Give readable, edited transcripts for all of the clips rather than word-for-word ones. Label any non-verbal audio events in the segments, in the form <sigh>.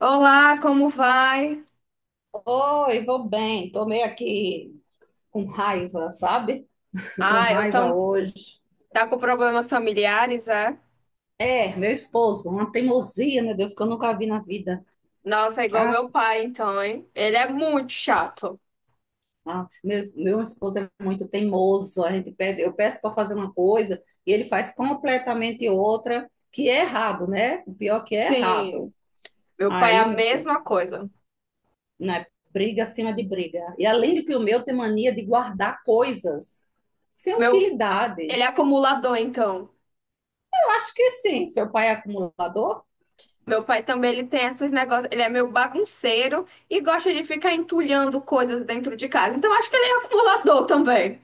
Olá, como vai? Oi, vou bem. Tô meio aqui com raiva, sabe? <laughs> Com Ah, eu raiva tão, hoje. tá com problemas familiares, é? É, meu esposo, uma teimosia, meu Deus, que eu nunca vi na vida. Nossa, é igual Ah, meu pai, então, hein? Ele é muito chato. ah, meu esposo é muito teimoso. A gente pede, eu peço para fazer uma coisa e ele faz completamente outra, que é errado, né? O pior que é Sim, errado. meu pai é Aí, a meu filho, mesma coisa. né? Briga acima de briga. E além do que o meu tem mania de guardar coisas sem Meu, utilidade. ele é acumulador, então. Acho que sim, seu pai é acumulador. Meu pai também, ele tem esses negócios, ele é meio bagunceiro e gosta de ficar entulhando coisas dentro de casa. Então, acho que ele é acumulador também.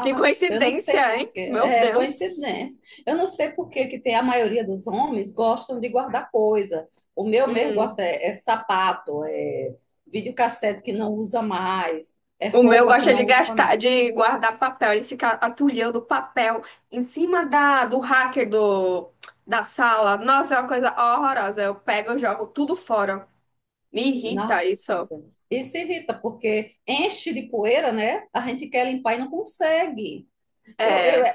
Que eu não sei coincidência, hein? por quê. Meu É Deus. coincidência. Eu não sei por quê que tem a maioria dos homens gostam de guardar coisa. O meu mesmo Hum. gosta é, é sapato, é videocassete que não usa mais, é O meu roupa que gosta de não usa gastar, mais. de guardar papel. Ele fica atulhando papel em cima do hacker do, da sala. Nossa, é uma coisa horrorosa. Eu pego e jogo tudo fora. Me irrita isso. Nossa, isso irrita porque enche de poeira, né? A gente quer limpar e não consegue. Eu, eu, É, é,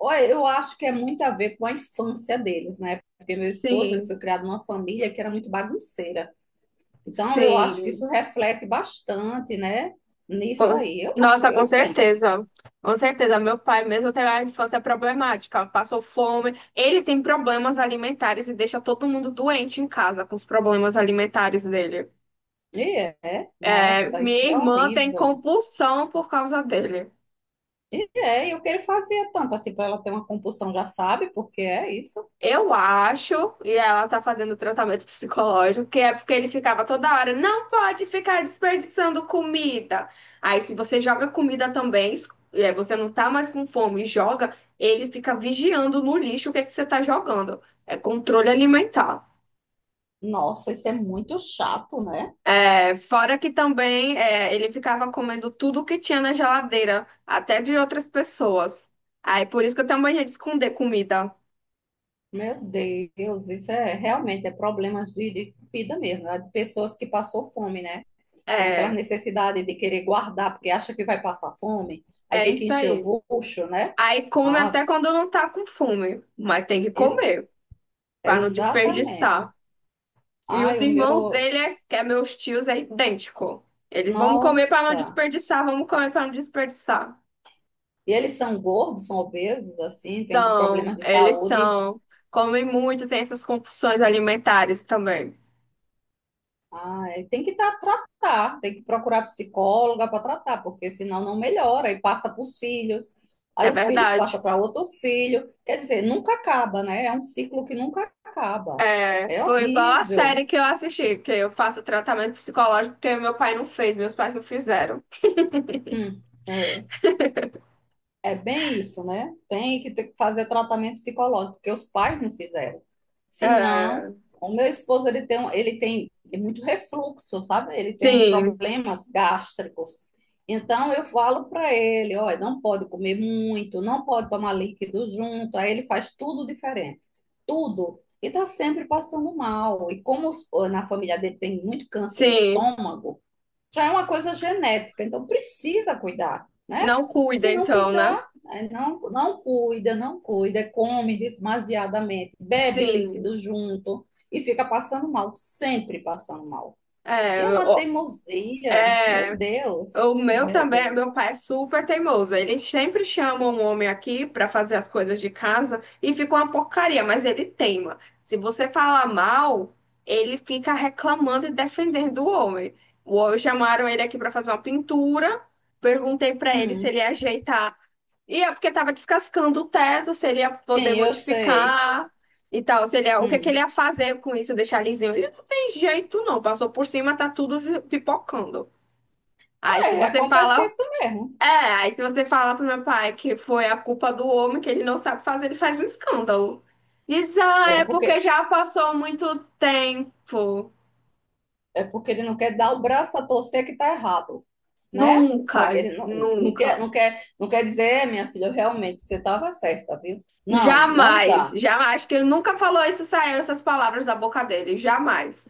olha, eu acho que é muito a ver com a infância deles, né? Porque meu esposo ele sim, foi criado numa família que era muito bagunceira. Então, eu acho que sim. isso reflete bastante, né? Nisso Com- aí, eu, Nossa, com eu penso. certeza. Com certeza. Meu pai, mesmo teve a infância problemática, passou fome. Ele tem problemas alimentares e deixa todo mundo doente em casa com os problemas alimentares dele. E é, É, nossa, isso minha é irmã tem horrível. compulsão por causa dele. E é, e o que ele fazia tanto assim para ela ter uma compulsão, já sabe, porque é isso. Eu acho, e ela tá fazendo tratamento psicológico, que é porque ele ficava toda hora, não pode ficar desperdiçando comida. Aí, se você joga comida também, você não tá mais com fome e joga, ele fica vigiando no lixo o que é que você tá jogando. É controle alimentar. Nossa, isso é muito chato, né? É, fora que também é, ele ficava comendo tudo que tinha na geladeira, até de outras pessoas. Aí, por isso que eu tenho mania de esconder comida. Meu Deus, isso é realmente é problemas de vida mesmo, né? De pessoas que passou fome, né? Tem aquela É, necessidade de querer guardar porque acha que vai passar fome, aí é tem que isso encher aí. o bucho, né? Aí come Ah, até quando não tá com fome, mas tem que ex- comer é para não exatamente. desperdiçar. E os Ai, o irmãos meu. dele, que é meus tios, é idêntico. Eles vamos comer para não Nossa! desperdiçar, vamos comer para não desperdiçar. E eles são gordos, são obesos, assim, têm São, problemas de eles saúde. são, comem muito, tem essas compulsões alimentares também. Ai, tem que tá, tratar, tem que procurar psicóloga para tratar, porque senão não melhora e passa para os filhos. É Aí os filhos passam verdade. para outro filho. Quer dizer, nunca acaba, né? É um ciclo que nunca acaba. É, É foi igual a série horrível. que eu assisti, que eu faço tratamento psicológico porque meu pai não fez, meus pais não fizeram. Hum, é. É bem isso, né? Tem que ter que fazer tratamento psicológico, porque os pais não fizeram. É, Senão, o meu esposo ele tem, ele tem muito refluxo, sabe? Ele tem sim, problemas gástricos. Então, eu falo para ele: olha, não pode comer muito, não pode tomar líquido junto. Aí ele faz tudo diferente, tudo. E está sempre passando mal. E como na família dele tem muito câncer de sim. estômago, já é uma coisa genética, então precisa cuidar, né? Não Se cuida não então, né? cuidar, aí não, não cuida, não cuida, come demasiadamente, bebe Sim, líquido junto e fica passando mal, sempre passando mal. E é, é uma ó, teimosia, meu Deus, o meu meu também, Deus. meu pai é super teimoso. Eles sempre chamam um homem aqui para fazer as coisas de casa e fica uma porcaria, mas ele teima. Se você falar mal, ele fica reclamando e defendendo o homem. O homem chamaram ele aqui para fazer uma pintura. Perguntei para ele se Hum, ele ia ajeitar. E é porque estava descascando o teto, se ele ia poder sim, eu sei. modificar e tal, se ele ia- o que que ele Hum. ia fazer com isso, deixar lisinho. Ele não tem jeito não, passou por cima, tá tudo pipocando. Aí se É, você acontece fala, isso mesmo. é, aí se você fala pro meu pai que foi a culpa do homem, que ele não sabe fazer, ele faz um escândalo. Diz, ah, É é porque porque já passou muito tempo. é porque ele não quer dar o braço a torcer que está errado, né? Nunca, Porque ele não, não, quer, nunca. não, quer, não quer dizer, é, minha filha, realmente você estava certa, viu? Não, não Jamais, dá. jamais, acho que ele nunca falou isso, saiu essas palavras da boca dele, jamais.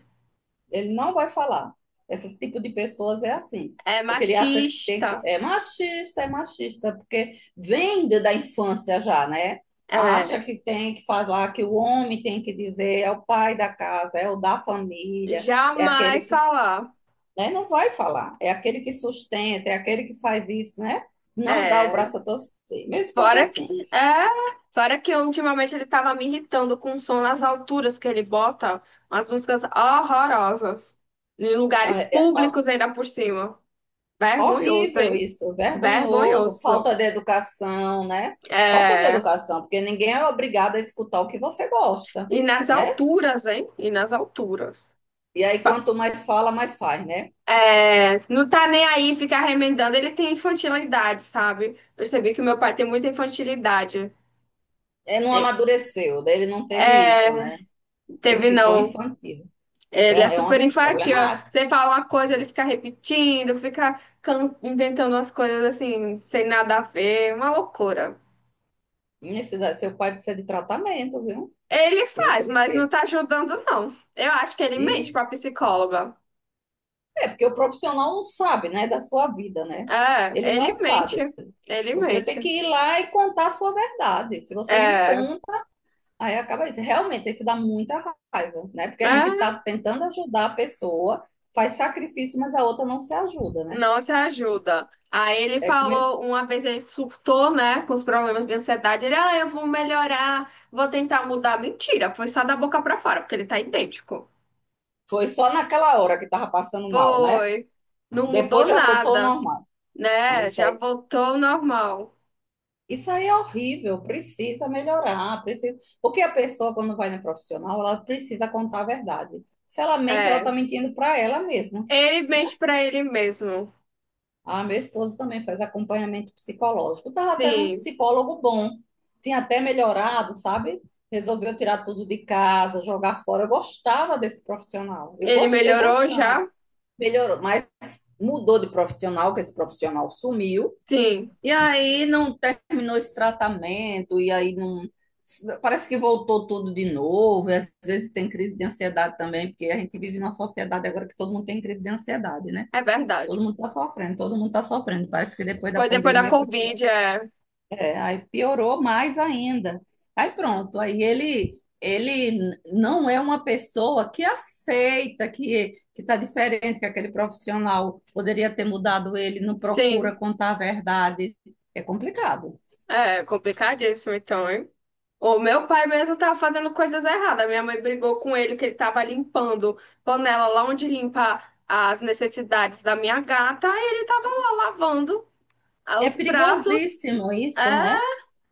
Ele não vai falar. Esse tipo de pessoas é assim. É Porque ele acha que, tem que machista, é machista, porque vem da infância já, né? Acha é, que tem que falar que o homem tem que dizer, é o pai da casa, é o da família, é aquele jamais que, falar. né? Não vai falar. É aquele que sustenta, é aquele que faz isso, né? Não dá o É, braço a torcer. Meu esposo é fora que, assim. é, fora que ultimamente ele tava me irritando com o som nas alturas que ele bota umas músicas horrorosas. Em Ah, lugares é, é, públicos ainda por cima. Vergonhoso, horrível hein? isso, vergonhoso, Vergonhoso. falta de educação, né? Falta de É, educação, porque ninguém é obrigado a escutar o que você gosta, e nas né? alturas, hein? E nas alturas. E aí, Pa- quanto mais fala, mais faz, né? É, não tá nem aí ficar remendando. Ele tem infantilidade, sabe? Percebi que meu pai tem muita infantilidade. É, não É, amadureceu, daí ele não teve isso, é, né? Ele teve ficou não. infantil. É, Ele é é super uma infantil. problemática. Você fala uma coisa, ele fica repetindo, inventando umas coisas assim, sem nada a ver, uma loucura. Seu pai precisa de tratamento, viu? Ele Ele faz, mas não precisa. tá ajudando, não. Eu acho que ele mente e pra psicóloga. Porque o profissional não sabe, né, da sua vida, né? É, Ele ele não mente. sabe. Ele Você tem mente. que ir lá e contar a sua verdade. Se você não É, conta, aí acaba isso. Realmente, isso dá muita raiva, né? Porque a gente está é, tentando ajudar a pessoa, faz sacrifício, mas a outra não se ajuda, né? não se ajuda. Aí ele É que mesmo- falou, uma vez ele surtou, né, com os problemas de ansiedade. Ele, ah, eu vou melhorar, vou tentar mudar. Mentira, foi só da boca pra fora, porque ele tá idêntico. foi só naquela hora que estava passando mal, né? Foi. Não Depois mudou já voltou ao nada, normal. Então, né? isso Já aí voltou ao normal. Isso aí é horrível, precisa melhorar, precisa. Porque a pessoa, quando vai no profissional, ela precisa contar a verdade. Se ela mente, ela está É. mentindo para ela mesma, Ele né? mente pra ele mesmo. A minha esposa também faz acompanhamento psicológico. Estava até num Sim. psicólogo bom, tinha até melhorado, sabe? Resolveu tirar tudo de casa, jogar fora. Eu gostava desse profissional, eu Ele gostei melhorou bastante. já? Melhorou, mas mudou de profissional, que esse profissional sumiu. Sim. E aí não terminou esse tratamento, e aí não. Parece que voltou tudo de novo. E às vezes tem crise de ansiedade também, porque a gente vive numa sociedade agora que todo mundo tem crise de ansiedade, né? É verdade. Todo mundo está sofrendo, todo mundo está sofrendo. Parece que depois da Foi depois da pandemia foi pior. Covid, é. É, aí piorou mais ainda. Aí pronto, aí ele não é uma pessoa que aceita que está diferente, que aquele profissional poderia ter mudado ele, não procura Sim. contar a verdade. É complicado. É complicadíssimo, então, hein? O meu pai mesmo tava fazendo coisas erradas. Minha mãe brigou com ele que ele tava limpando panela lá onde limpa as necessidades da minha gata. E ele tava lá lavando ah, É os pratos. perigosíssimo É. isso, né?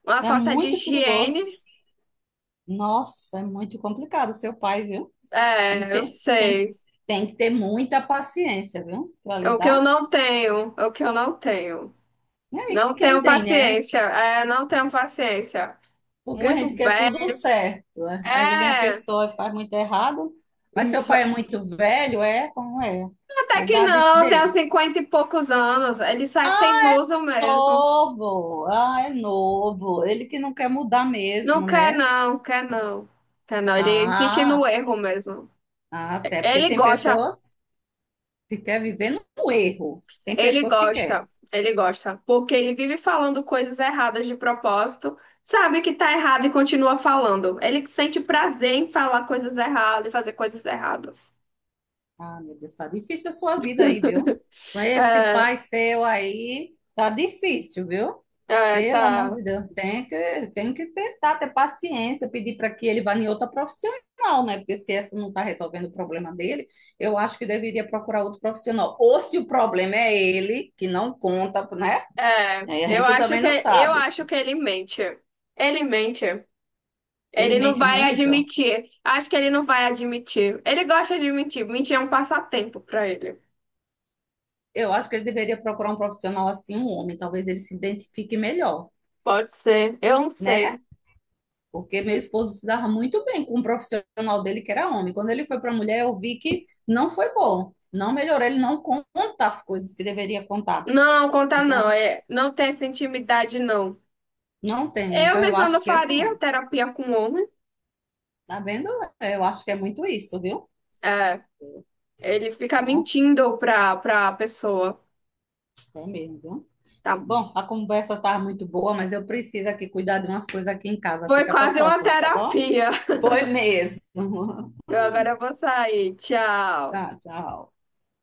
Uma É falta de muito perigoso. higiene. Nossa, é muito complicado seu pai, viu? Tem que É, eu ter, tem, sei. tem que ter muita paciência, viu? Para É o que eu lidar. não tenho. É o que eu não tenho. E aí, Não quem tenho tem, né? paciência. É, não tenho paciência. Porque a Muito gente quer tudo bem. certo, né? Aí vem a É. pessoa e faz muito errado. Mas seu pai é muito velho, é? Como é? Até A que idade não, tenho dele. 50 e poucos anos. Ele sai Ah, teimoso é mesmo. novo! Ah, é novo. Ele que não quer mudar Não mesmo, quer né? não, quer não. Quer não. Ele insiste no Ah, erro mesmo. ah, até porque Ele tem gosta, pessoas que querem viver no erro. Tem ele pessoas que querem. gosta, ele gosta, porque ele vive falando coisas erradas de propósito, sabe que tá errado e continua falando. Ele sente prazer em falar coisas erradas e fazer coisas erradas. Ah, meu Deus, tá difícil a sua vida aí, viu? Com esse É, pai seu aí, tá difícil, viu? é, Pelo amor tá. de Deus, tem que tentar ter paciência, pedir para que ele vá em outra profissional, né? Porque se essa não está resolvendo o problema dele, eu acho que deveria procurar outro profissional. Ou se o problema é ele, que não conta, né? É, Aí a eu gente acho também não que eu sabe. acho que ele mente. Ele mente. Ele Ele não mente vai muito. admitir. Acho que ele não vai admitir. Ele gosta de mentir. Mentir é um passatempo pra ele. Eu acho que ele deveria procurar um profissional assim, um homem. Talvez ele se identifique melhor, Pode ser. Eu não né? sei. Porque meu esposo se dava muito bem com um profissional dele que era homem. Quando ele foi para a mulher, eu vi que não foi bom. Não melhorou, ele não conta as coisas que deveria contar. Não, conta não. Então, É, não tem essa intimidade, não. não tem. Eu Então, eu mesma não acho que, faria pô, terapia com homem. tá vendo? Eu acho que é muito isso, viu? É, ele fica Bom, mentindo pra pessoa. é mesmo, viu? Tá? Bom, a conversa tá muito boa, mas eu preciso aqui cuidar de umas coisas aqui em casa. Foi Fica para a quase uma próxima, tá bom? terapia. Foi mesmo. Eu agora vou sair. <laughs> Tchau. Tá, tchau.